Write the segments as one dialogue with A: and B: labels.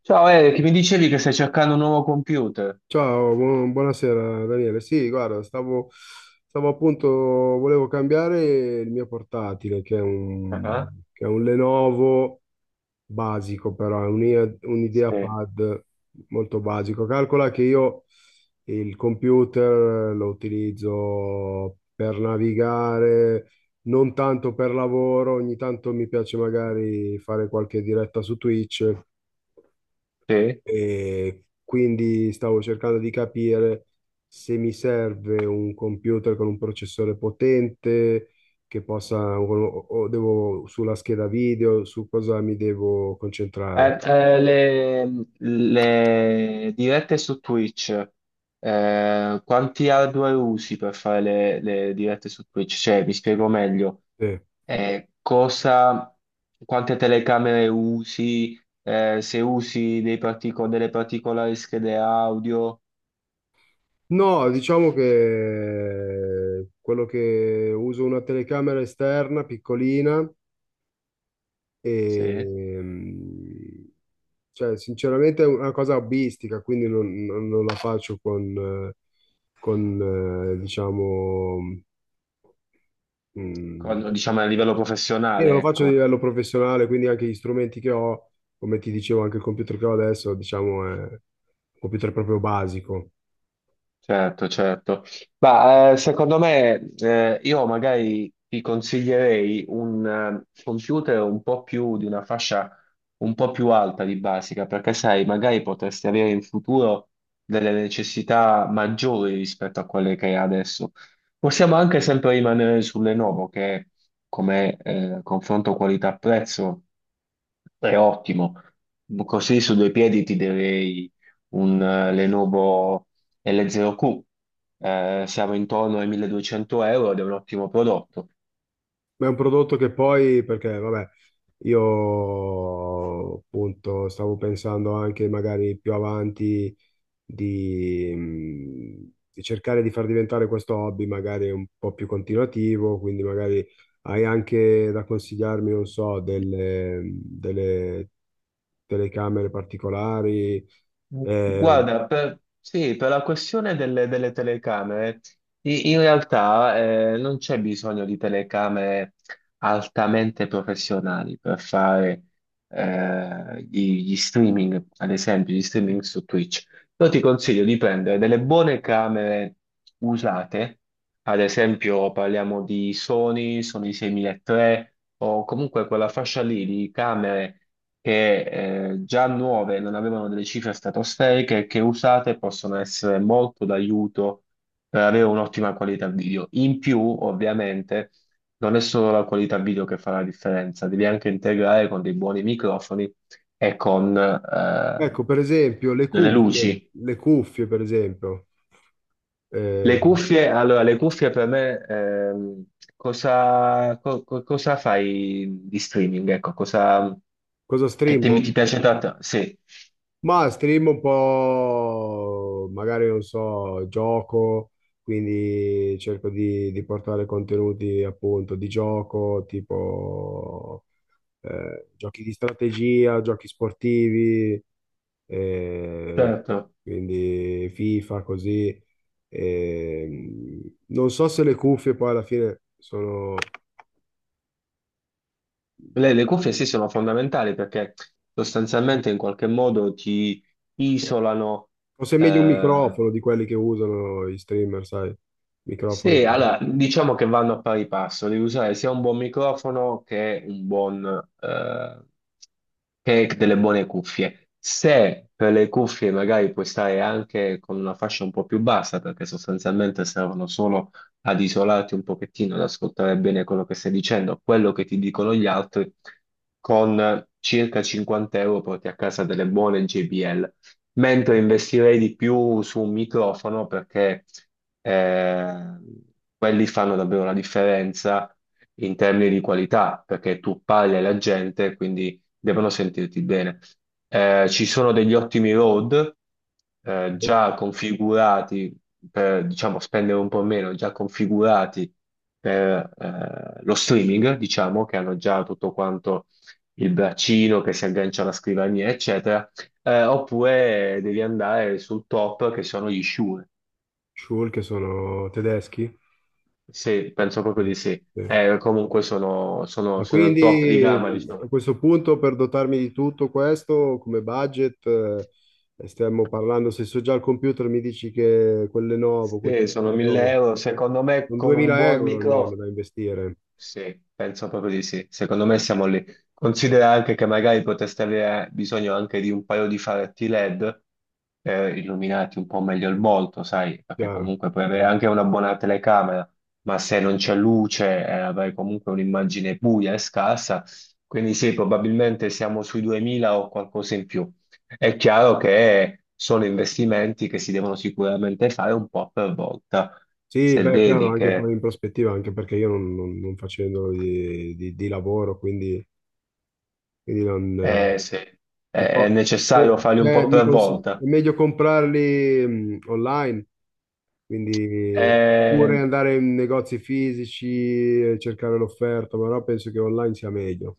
A: Ciao Eric, mi dicevi che stai cercando un nuovo computer?
B: Ciao, buonasera Daniele. Sì, guarda, volevo cambiare il mio portatile,
A: Ah,
B: che è un Lenovo basico, però è un
A: sì,
B: IdeaPad molto basico. Calcola che io il computer lo utilizzo per navigare, non tanto per lavoro, ogni tanto mi piace magari fare qualche diretta su Twitch.
A: sì.
B: E quindi stavo cercando di capire se mi serve un computer con un processore potente, che possa, o devo sulla scheda video, su cosa mi devo concentrare.
A: Le dirette su Twitch, quanti hardware usi per fare le dirette su Twitch? Cioè, mi spiego meglio,
B: Sì.
A: eh, cosa, quante telecamere usi, se usi dei delle particolari schede audio,
B: No, diciamo che quello che uso una telecamera esterna piccolina
A: sì.
B: e, cioè, sinceramente è una cosa hobbistica, quindi non la faccio con, diciamo, Mm.
A: Diciamo a livello
B: io non lo
A: professionale,
B: faccio a
A: ecco.
B: livello professionale, quindi anche gli strumenti che ho, come ti dicevo, anche il computer che ho adesso, diciamo, è un computer proprio basico.
A: Certo, certo. Ma secondo me io magari ti consiglierei un computer un po' più di una fascia un po' più alta di basica, perché sai, magari potresti avere in futuro delle necessità maggiori rispetto a quelle che hai adesso. Possiamo anche sempre rimanere su Lenovo, che come confronto qualità-prezzo è ottimo. Così su due piedi ti direi un Lenovo L0Q, siamo intorno ai 1200 euro ed è un ottimo prodotto.
B: Ma è un prodotto che poi, perché, vabbè, io appunto stavo pensando anche magari più avanti di cercare di far diventare questo hobby magari un po' più continuativo, quindi magari hai anche da consigliarmi, non so, delle telecamere particolari. Eh,
A: Guarda, sì, per la questione delle telecamere, in realtà non c'è bisogno di telecamere altamente professionali per fare gli streaming, ad esempio, gli streaming su Twitch. Io ti consiglio di prendere delle buone camere usate, ad esempio parliamo di Sony, Sony 6003, o comunque quella fascia lì di camere che già nuove non avevano delle cifre stratosferiche e che usate possono essere molto d'aiuto per avere un'ottima qualità video. In più, ovviamente, non è solo la qualità video che fa la differenza, devi anche integrare con dei buoni microfoni e con
B: ecco, per esempio,
A: delle luci.
B: le cuffie, per esempio.
A: Le
B: Eh,
A: cuffie, allora, le cuffie per me, cosa fai di streaming? Ecco,
B: cosa
A: che temi
B: streamo?
A: ti di piace streaming tanto? Sì.
B: Ma stream un po', magari non so, gioco, quindi cerco di portare contenuti appunto di gioco, tipo giochi di strategia, giochi sportivi, eh,
A: Certo.
B: quindi FIFA così. Non so se le cuffie poi alla fine sono...
A: Le cuffie sì sono fondamentali perché sostanzialmente in qualche modo ti isolano.
B: Forse è meglio un
A: eh,
B: microfono di quelli che usano i streamer, sai? Microfoni.
A: sì allora diciamo che vanno a pari passo, devi usare sia un buon microfono che un buon, Cake delle buone cuffie. Se per le cuffie magari puoi stare anche con una fascia un po' più bassa, perché sostanzialmente servono solo ad isolarti un pochettino, ad ascoltare bene quello che stai dicendo, quello che ti dicono gli altri, con circa 50 euro porti a casa delle buone JBL. Mentre investirei di più su un microfono perché eh, quelli fanno davvero la differenza in termini di qualità, perché tu parli alla gente, quindi devono sentirti bene. Ci sono degli ottimi road già configurati per, diciamo, spendere un po' meno, già configurati per lo streaming, diciamo, che hanno già tutto quanto il braccino che si aggancia alla scrivania, eccetera. Oppure devi andare sul top che sono gli Shure.
B: Schul, che sono tedeschi.
A: Sì, penso proprio
B: Sì.
A: di sì.
B: Sì.
A: Comunque sono, sono
B: Ma
A: sono il top di
B: quindi
A: gamma, diciamo.
B: a questo punto, per dotarmi di tutto questo, come budget, stiamo parlando, se so già al computer mi dici che quel Lenovo, quel
A: Sì,
B: tipo di
A: sono 1000
B: Lenovo,
A: euro. Secondo me
B: un
A: con un
B: 2000
A: buon
B: euro almeno
A: microfono
B: da investire,
A: sì, penso proprio di sì. Secondo me siamo lì. Considera anche che magari potreste avere bisogno anche di un paio di faretti LED per illuminarti un po' meglio il volto, sai, perché
B: chiaro.
A: comunque puoi avere anche una buona telecamera, ma se non c'è luce, avrai comunque un'immagine buia e scarsa. Quindi sì, probabilmente siamo sui 2000 o qualcosa in più. È chiaro che sono investimenti che si devono sicuramente fare un po' per volta.
B: Sì,
A: Se
B: beh, chiaro,
A: vedi
B: anche
A: che.
B: poi in prospettiva, anche perché io non facendo di, di lavoro, quindi, quindi non
A: Eh sì,
B: si
A: è
B: può,
A: necessario farli un
B: cioè,
A: po' per
B: è
A: volta.
B: meglio comprarli online, quindi,
A: Eh,
B: oppure andare in negozi fisici, cercare l'offerta, però penso che online sia meglio.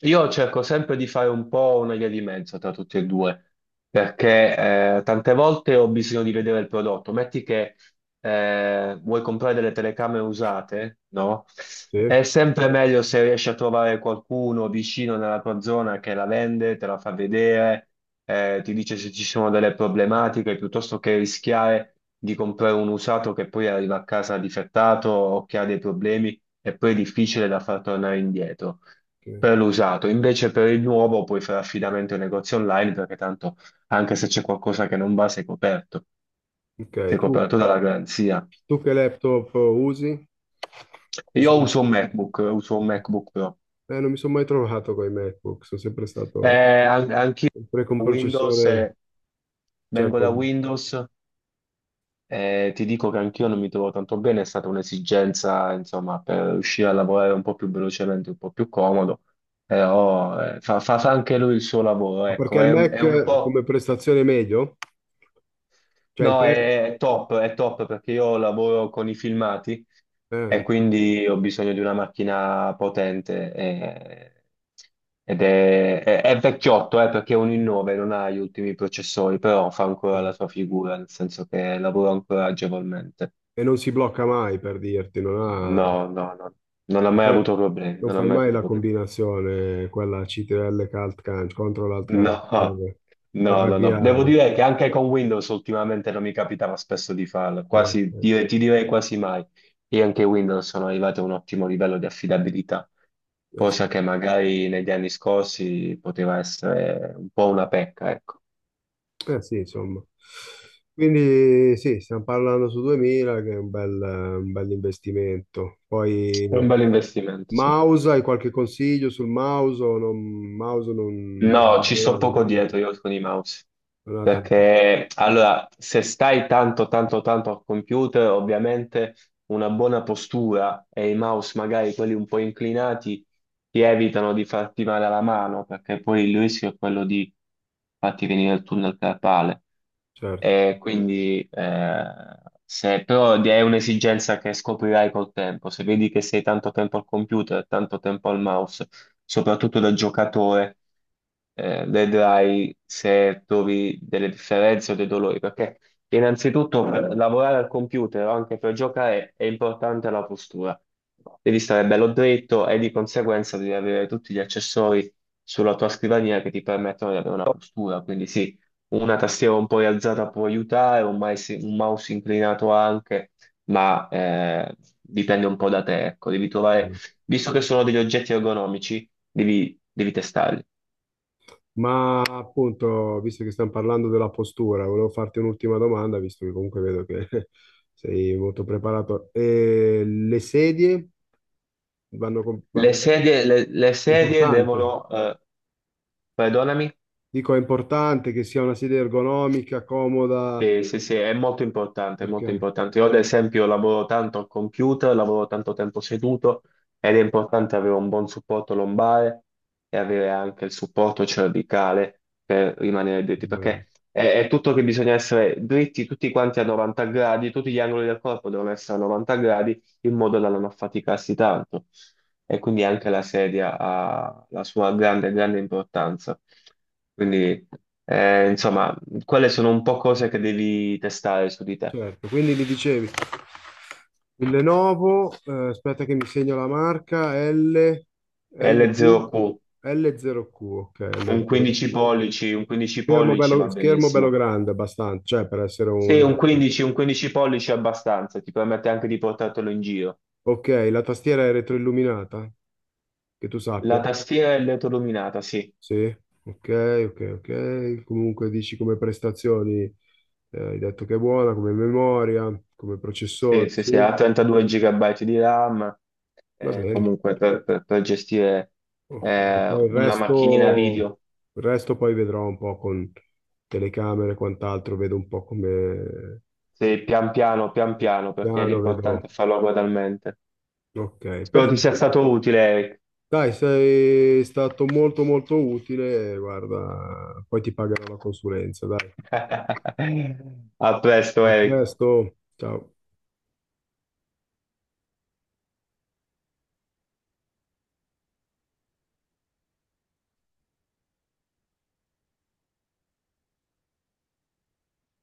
A: io cerco sempre di fare un po' una via di mezzo tra tutti e due, perché tante volte ho bisogno di vedere il prodotto. Metti che vuoi comprare delle telecamere usate, no?
B: Sì?
A: È sempre meglio se riesci a trovare qualcuno vicino nella tua zona che la vende, te la fa vedere, ti dice se ci sono delle problematiche, piuttosto che rischiare di comprare un usato che poi arriva a casa difettato o che ha dei problemi e poi è difficile da far tornare indietro.
B: Ok,
A: Per l'usato, invece per il nuovo puoi fare affidamento ai negozi online perché tanto anche se c'è qualcosa che non va, sei
B: ok, tu,
A: coperto dalla garanzia.
B: tu che laptop usi? Usi
A: Io
B: un-
A: uso un MacBook Pro.
B: Non mi sono mai trovato con i MacBook, sono sempre stato
A: Eh, anch'io
B: sempre con
A: Windows,
B: processore, cioè
A: vengo da
B: con-
A: Windows e ti dico che anch'io non mi trovo tanto bene, è stata un'esigenza, insomma, per riuscire a lavorare un po' più velocemente, un po' più comodo, però fa anche lui il suo lavoro,
B: ma perché
A: ecco,
B: il
A: è
B: Mac
A: un po'.
B: come prestazione è meglio? Cioè il
A: No,
B: pre-
A: è top perché io lavoro con i filmati e
B: eh,
A: quindi ho bisogno di una macchina potente ed è vecchiotto, perché è un i9, non ha gli ultimi processori, però fa ancora la
B: ok.
A: sua figura, nel senso che lavora ancora agevolmente.
B: E non si blocca mai per dirti, non ha...
A: No, no, no, non ha mai
B: fai,
A: avuto problemi,
B: non
A: non ha
B: fai
A: mai
B: mai
A: avuto
B: la
A: problemi.
B: combinazione, quella CTRL che alt canc, control alt canc,
A: No,
B: per
A: no, no, no. Devo
B: avviare.
A: dire che anche con Windows ultimamente non mi capitava spesso di farlo,
B: No,
A: quasi, ti direi quasi mai. Io anche Windows sono arrivato a un ottimo livello di affidabilità,
B: eh sì,
A: cosa che magari negli anni scorsi poteva essere un po' una pecca, ecco.
B: eh sì, insomma. Quindi sì, stiamo parlando su 2000, che è un bel investimento.
A: È
B: Poi
A: un bel investimento, sì.
B: mouse, hai qualche consiglio sul mouse? O non- mouse non,
A: No, ci
B: non
A: sto
B: hanno,
A: poco dietro io con i mouse.
B: non ha tanto,
A: Perché allora, se stai tanto, tanto, tanto al computer, ovviamente una buona postura e i mouse magari quelli un po' inclinati ti evitano di farti male alla mano, perché poi il rischio è quello di farti venire il tunnel carpale.
B: certo.
A: E quindi, se però è un'esigenza che scoprirai col tempo, se vedi che sei tanto tempo al computer, tanto tempo al mouse, soprattutto da giocatore, vedrai se trovi delle differenze o dei dolori, perché innanzitutto, per lavorare al computer o anche per giocare è importante la postura. Devi stare bello dritto e di conseguenza devi avere tutti gli accessori sulla tua scrivania che ti permettono di avere una postura. Quindi sì, una tastiera un po' rialzata può aiutare, un mouse inclinato anche, ma dipende un po' da te. Ecco, devi trovare, visto che sono degli oggetti ergonomici, devi testarli.
B: Ma appunto, visto che stiamo parlando della postura, volevo farti un'ultima domanda, visto che comunque vedo che sei molto preparato. Le sedie vanno con...
A: Le sedie, le
B: è
A: sedie
B: importante.
A: devono, perdonami.
B: Dico, è importante che sia una sedia ergonomica, comoda,
A: Sì, sì, sì, è molto importante, è molto
B: perché...
A: importante. Io ad esempio lavoro tanto al computer, lavoro tanto tempo seduto ed è importante avere un buon supporto lombare e avere anche il supporto cervicale per rimanere dritti, perché è tutto che bisogna essere dritti tutti quanti a 90 gradi, tutti gli angoli del corpo devono essere a 90 gradi in modo da non affaticarsi tanto. E quindi anche la sedia ha la sua grande, grande importanza. Quindi. Insomma, quelle sono un po' cose che devi testare su di te.
B: Certo, quindi mi dicevi, il Lenovo, aspetta che mi segno la marca, L, LQ,
A: L0Q,
B: L0Q, ok,
A: un 15
B: L0Q.
A: pollici, un 15 pollici va
B: Schermo bello
A: benissimo.
B: grande, abbastanza, cioè per essere un...
A: Sì, un 15, un 15 pollici è abbastanza, ti permette anche di portartelo in giro.
B: Ok, la tastiera è retroilluminata, che tu
A: La
B: sappia.
A: tastiera è LED illuminata, sì.
B: Sì, ok, ok, ok. Comunque dici come prestazioni, hai detto che è buona, come memoria, come
A: Sì,
B: processore,
A: sì,
B: sì,
A: sì, ha 32 GB di RAM,
B: va bene.
A: comunque per gestire
B: Ok, poi
A: una macchinina video,
B: il resto poi vedrò un po' con telecamere e quant'altro, vedo un po' come
A: sì, pian piano, perché
B: piano, vedo...
A: l'importante è farlo gradualmente.
B: Ok,
A: Spero ti
B: perfetto.
A: sia stato utile, Eric.
B: Dai, sei stato molto molto utile, guarda, poi ti pagherò la consulenza, dai.
A: A presto,
B: A
A: Eric.
B: presto, ciao.